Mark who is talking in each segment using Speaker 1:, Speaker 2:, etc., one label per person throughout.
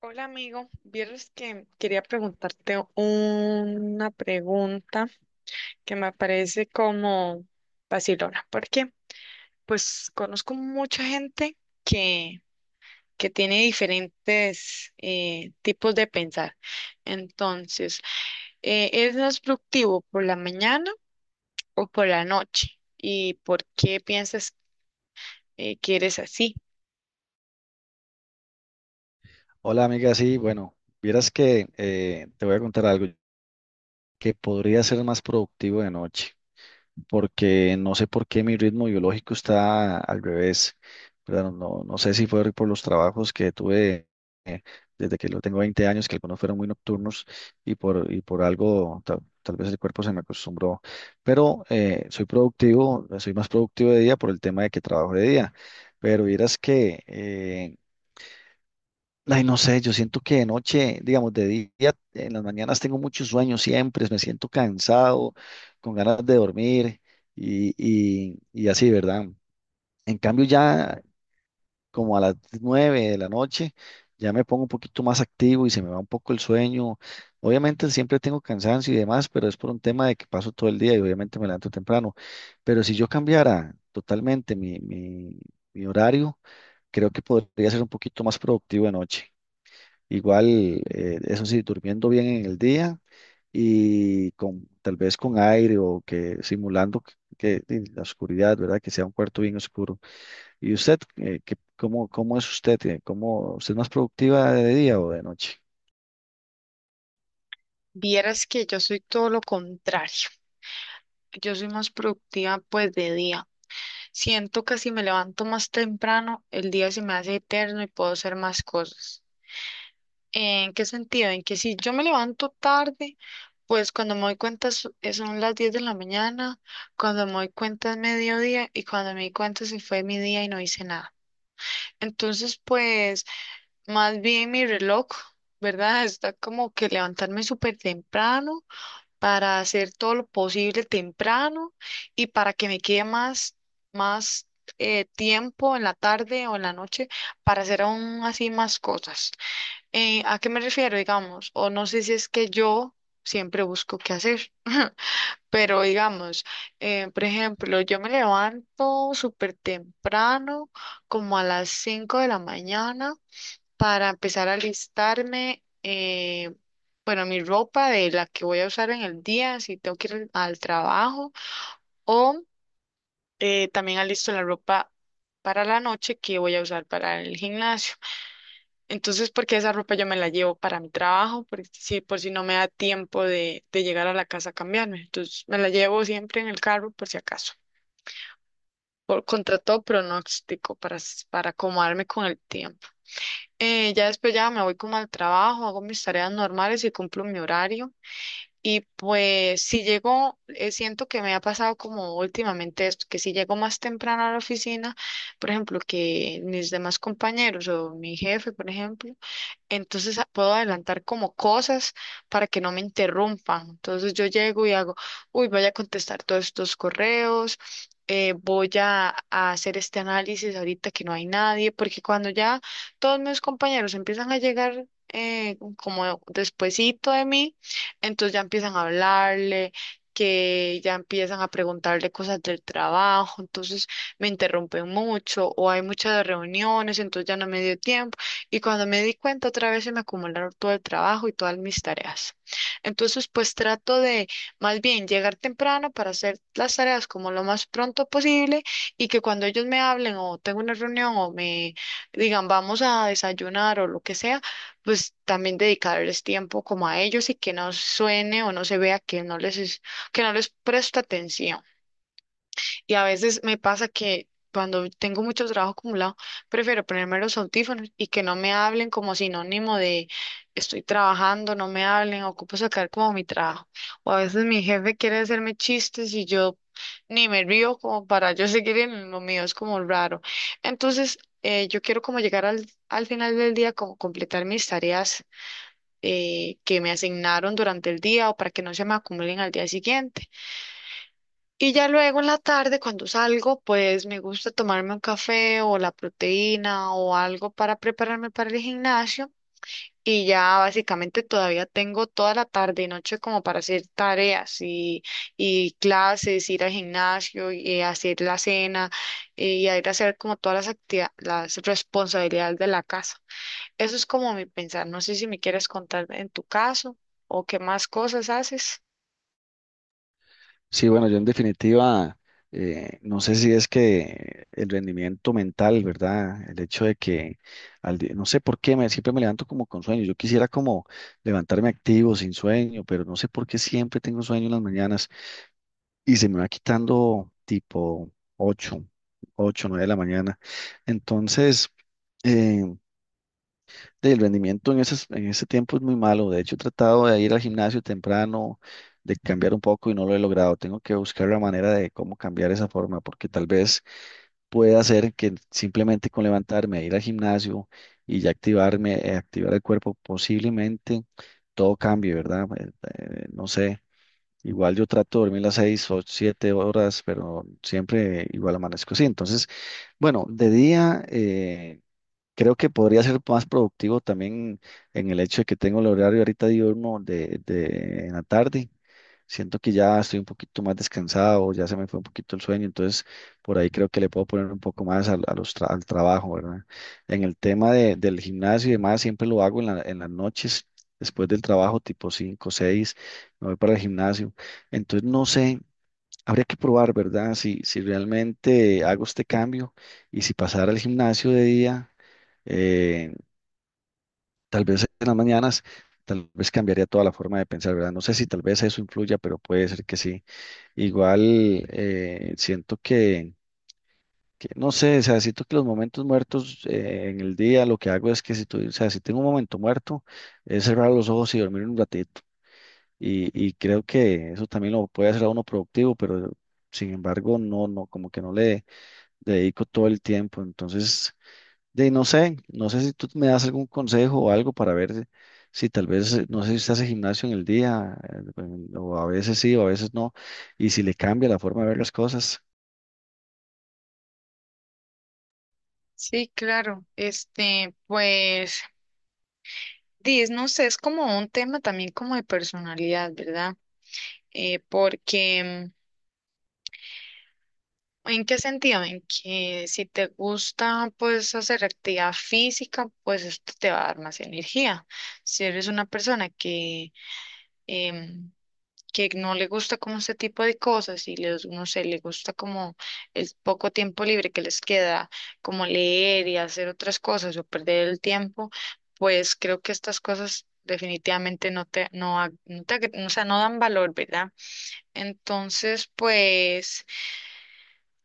Speaker 1: Hola amigo, vieras que quería preguntarte una pregunta que me parece como vacilona, porque pues conozco mucha gente que, que tiene diferentes tipos de pensar. Entonces, ¿eres más productivo por la mañana o por la noche? ¿Y por qué piensas que eres así?
Speaker 2: Hola amiga, sí, bueno, vieras que te voy a contar algo que podría ser más productivo de noche, porque no sé por qué mi ritmo biológico está al revés, ¿verdad? No, no sé si fue por los trabajos que tuve, eh, desde que lo tengo 20 años, que algunos fueron muy nocturnos y por algo tal vez el cuerpo se me acostumbró, pero soy productivo, soy más productivo de día por el tema de que trabajo de día, pero vieras que ay, no sé, yo siento que de noche, digamos, de día, en las mañanas tengo muchos sueños siempre, me siento cansado, con ganas de dormir y, y así, ¿verdad? En cambio, ya como a las 9 de la noche, ya me pongo un poquito más activo y se me va un poco el sueño. Obviamente siempre tengo cansancio y demás, pero es por un tema de que paso todo el día y obviamente me levanto temprano. Pero si yo cambiara totalmente mi horario, creo que podría ser un poquito más productivo de noche. Igual, eso sí, durmiendo bien en el día y con tal vez con aire o que simulando y la oscuridad, ¿verdad? Que sea un cuarto bien oscuro. ¿Y usted, cómo es usted? ¿Usted es más productiva de día o de noche?
Speaker 1: Vieras que yo soy todo lo contrario. Yo soy más productiva pues de día. Siento que si me levanto más temprano, el día se me hace eterno y puedo hacer más cosas. ¿En qué sentido? En que si yo me levanto tarde, pues cuando me doy cuenta son las 10 de la mañana, cuando me doy cuenta es mediodía y cuando me di cuenta se fue mi día y no hice nada. Entonces, pues más bien mi reloj, ¿verdad? Está como que levantarme súper temprano para hacer todo lo posible temprano y para que me quede más tiempo en la tarde o en la noche para hacer aún así más cosas. ¿A qué me refiero, digamos? O no sé si es que yo siempre busco qué hacer, pero digamos, por ejemplo, yo me levanto súper temprano, como a las 5 de la mañana para empezar a alistarme, bueno, mi ropa de la que voy a usar en el día, si tengo que ir al trabajo, o también alisto la ropa para la noche que voy a usar para el gimnasio. Entonces, porque esa ropa yo me la llevo para mi trabajo, por si no me da tiempo de llegar a la casa a cambiarme. Entonces, me la llevo siempre en el carro por si acaso. Por contra todo pronóstico, para acomodarme con el tiempo. Ya después ya me voy como al trabajo, hago mis tareas normales y cumplo mi horario. Y pues si llego, siento que me ha pasado como últimamente esto, que si llego más temprano a la oficina, por ejemplo, que mis demás compañeros o mi jefe, por ejemplo, entonces puedo adelantar como cosas para que no me interrumpan. Entonces yo llego y hago, uy, voy a contestar todos estos correos, voy a hacer este análisis ahorita que no hay nadie, porque cuando ya todos mis compañeros empiezan a llegar como despuesito de mí, entonces ya empiezan a hablarle, que ya empiezan a preguntarle cosas del trabajo, entonces me interrumpen mucho o hay muchas reuniones, entonces ya no me dio tiempo. Y cuando me di cuenta, otra vez se me acumularon todo el trabajo y todas mis tareas. Entonces, pues trato de más bien llegar temprano para hacer las tareas como lo más pronto posible y que cuando ellos me hablen o tengo una reunión o me digan vamos a desayunar o lo que sea, pues también dedicarles tiempo como a ellos y que no suene o no se vea que que no les presto atención. Y a veces me pasa que cuando tengo mucho trabajo acumulado, prefiero ponerme los audífonos y que no me hablen como sinónimo de estoy trabajando, no me hablen, ocupo sacar como mi trabajo. O a veces mi jefe quiere hacerme chistes y yo ni me río como para yo seguir en lo mío, es como raro. Entonces, yo quiero como llegar al final del día, como completar mis tareas que me asignaron durante el día o para que no se me acumulen al día siguiente. Y ya luego en la tarde, cuando salgo, pues me gusta tomarme un café o la proteína o algo para prepararme para el gimnasio. Y ya básicamente todavía tengo toda la tarde y noche como para hacer tareas y clases, ir al gimnasio y hacer la cena y a ir a hacer como todas las actividades, las responsabilidades de la casa. Eso es como mi pensar. No sé si me quieres contar en tu caso o qué más cosas haces.
Speaker 2: Sí, bueno, yo en definitiva, no sé si es que el rendimiento mental, ¿verdad? El hecho de que, no sé por qué, siempre me levanto como con sueño. Yo quisiera como levantarme activo, sin sueño, pero no sé por qué siempre tengo sueño en las mañanas, y se me va quitando tipo 8 8 9 de la mañana. Entonces, eh, el rendimiento en ese tiempo es muy malo. De hecho, he tratado de ir al gimnasio temprano, de cambiar un poco y no lo he logrado. Tengo que buscar la manera de cómo cambiar esa forma, porque tal vez pueda hacer que simplemente con levantarme, ir al gimnasio y ya activarme, activar el cuerpo, posiblemente todo cambie, ¿verdad? No sé. Igual yo trato de dormir las 6 o 7 horas, pero siempre igual amanezco así. Entonces, bueno, de día creo que podría ser más productivo también en el hecho de que tengo el horario ahorita diurno de en la tarde. Siento que ya estoy un poquito más descansado, ya se me fue un poquito el sueño, entonces por ahí creo que le puedo poner un poco más al trabajo, ¿verdad? En el tema del gimnasio y demás, siempre lo hago en las noches, después del trabajo, tipo 5 6 me voy para el gimnasio. Entonces no sé, habría que probar, ¿verdad? Si realmente hago este cambio y si pasara al gimnasio de día, eh, tal vez en las mañanas, tal vez cambiaría toda la forma de pensar, ¿verdad? No sé si tal vez eso influya, pero puede ser que sí. Igual siento que no sé, o sea, siento que los momentos muertos en el día, lo que hago es que o sea, si tengo un momento muerto, es cerrar los ojos y dormir un ratito. Y creo que eso también lo puede hacer a uno productivo, pero sin embargo, no, no, como que no le dedico todo el tiempo. Entonces, no sé, no sé si tú me das algún consejo o algo para ver si tal vez, no sé si estás en gimnasio en el día, o a veces sí, o a veces no, y si le cambia la forma de ver las cosas.
Speaker 1: Sí, claro. Este, pues. No sé, es como un tema también como de personalidad, ¿verdad? Porque, ¿en qué sentido? En que si te gusta, pues, hacer actividad física, pues esto te va a dar más energía. Si eres una persona em, que no le gusta como este tipo de cosas y les, no sé, le gusta como el poco tiempo libre que les queda, como leer y hacer otras cosas o perder el tiempo, pues creo que estas cosas definitivamente no te, no, no te, o sea, no dan valor, ¿verdad? Entonces, pues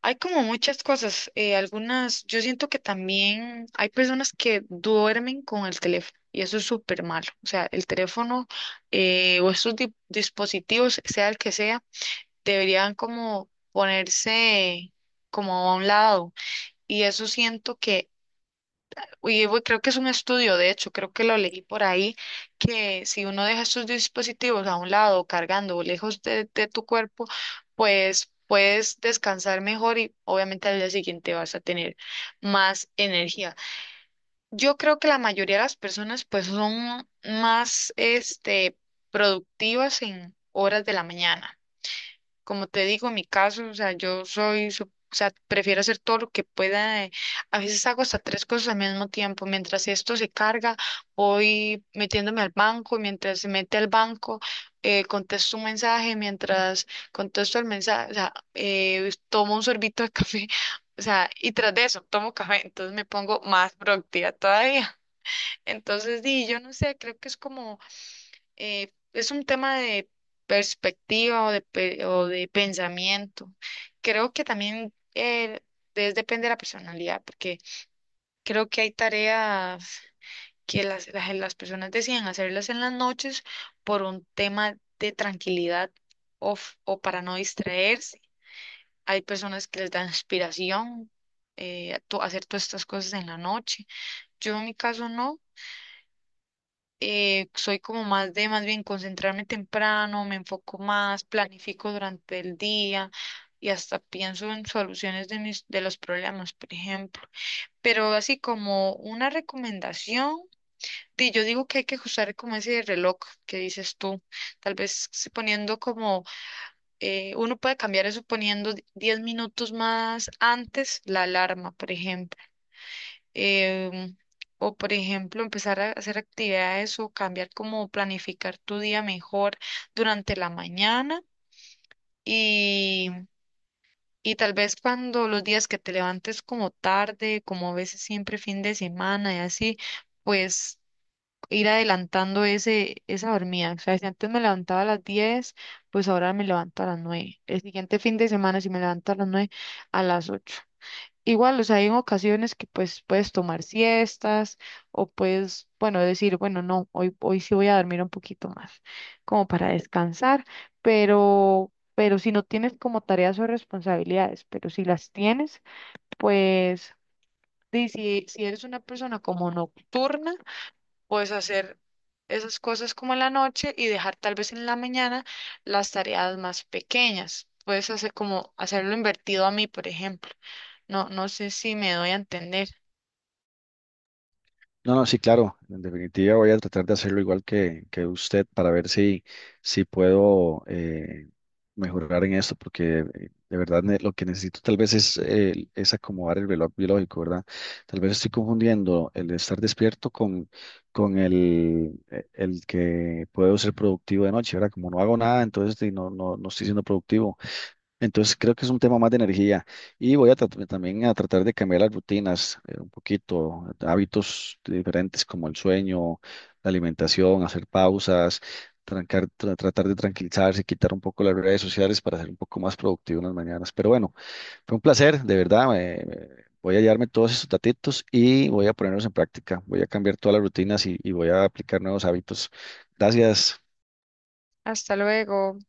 Speaker 1: hay como muchas cosas, algunas, yo siento que también hay personas que duermen con el teléfono. Y eso es súper malo. O sea, el teléfono o estos dispositivos, sea el que sea, deberían como ponerse como a un lado. Y eso siento que, y creo que es un estudio, de hecho, creo que lo leí por ahí, que si uno deja estos dispositivos a un lado, cargando o lejos de tu cuerpo, pues puedes descansar mejor y obviamente al día siguiente vas a tener más energía. Yo creo que la mayoría de las personas pues son más este productivas en horas de la mañana. Como te digo, en mi caso, o sea, yo soy, o sea, prefiero hacer todo lo que pueda. A veces hago hasta tres cosas al mismo tiempo. Mientras esto se carga, voy metiéndome al banco, mientras se mete al banco, contesto un mensaje, mientras contesto el mensaje, o sea, tomo un sorbito de café, o sea, y tras de eso tomo café, entonces me pongo más productiva todavía. Entonces, yo no sé, creo que es como es un tema de perspectiva o de, o de pensamiento. Creo que también depende de la personalidad, porque creo que hay tareas que las personas deciden hacerlas en las noches por un tema de tranquilidad o, o para no distraerse. Hay personas que les da inspiración a hacer todas estas cosas en la noche. Yo en mi caso no. Soy como más de más bien concentrarme temprano, me enfoco más, planifico durante el día y hasta pienso en soluciones de mis de los problemas, por ejemplo. Pero así como una recomendación, yo digo que hay que usar como ese reloj que dices tú, tal vez si poniendo como uno puede cambiar eso poniendo 10 minutos más antes la alarma, por ejemplo em, o por ejemplo, empezar a hacer actividades o cambiar como planificar tu día mejor durante la mañana y, y tal vez cuando los días que te levantes como tarde, como a veces siempre fin de semana y así, pues ir adelantando esa dormida. O sea, si antes me levantaba a las 10, pues ahora me levanto a las 9. El siguiente fin de semana, si me levanto a las 9, a las 8. Igual, o sea, hay en ocasiones que pues puedes tomar siestas o puedes, bueno, decir, bueno, no, hoy sí voy a dormir un poquito más, como para descansar, pero si no tienes como tareas o responsabilidades, pero si las tienes, pues, si eres una persona como nocturna, puedes hacer esas cosas como en la noche y dejar tal vez en la mañana las tareas más pequeñas. Puedes hacer como hacerlo invertido a mí, por ejemplo. No, no sé si me doy a entender.
Speaker 2: No, no, sí, claro. En definitiva, voy a tratar de hacerlo igual que usted para ver si, puedo mejorar en esto, porque de verdad lo que necesito tal vez es acomodar el reloj biológico, ¿verdad? Tal vez estoy confundiendo el estar despierto con, con el que puedo ser productivo de noche, ¿verdad? Como no hago nada, entonces sí, no, no, no estoy siendo productivo. Entonces creo que es un tema más de energía y voy a también a tratar de cambiar las rutinas un poquito, hábitos diferentes como el sueño, la alimentación, hacer pausas, tratar de tranquilizarse, quitar un poco las redes sociales para ser un poco más productivo en las mañanas. Pero bueno, fue un placer, de verdad. Voy a llevarme todos estos datitos y voy a ponerlos en práctica. Voy a cambiar todas las rutinas y voy a aplicar nuevos hábitos. Gracias.
Speaker 1: Hasta luego.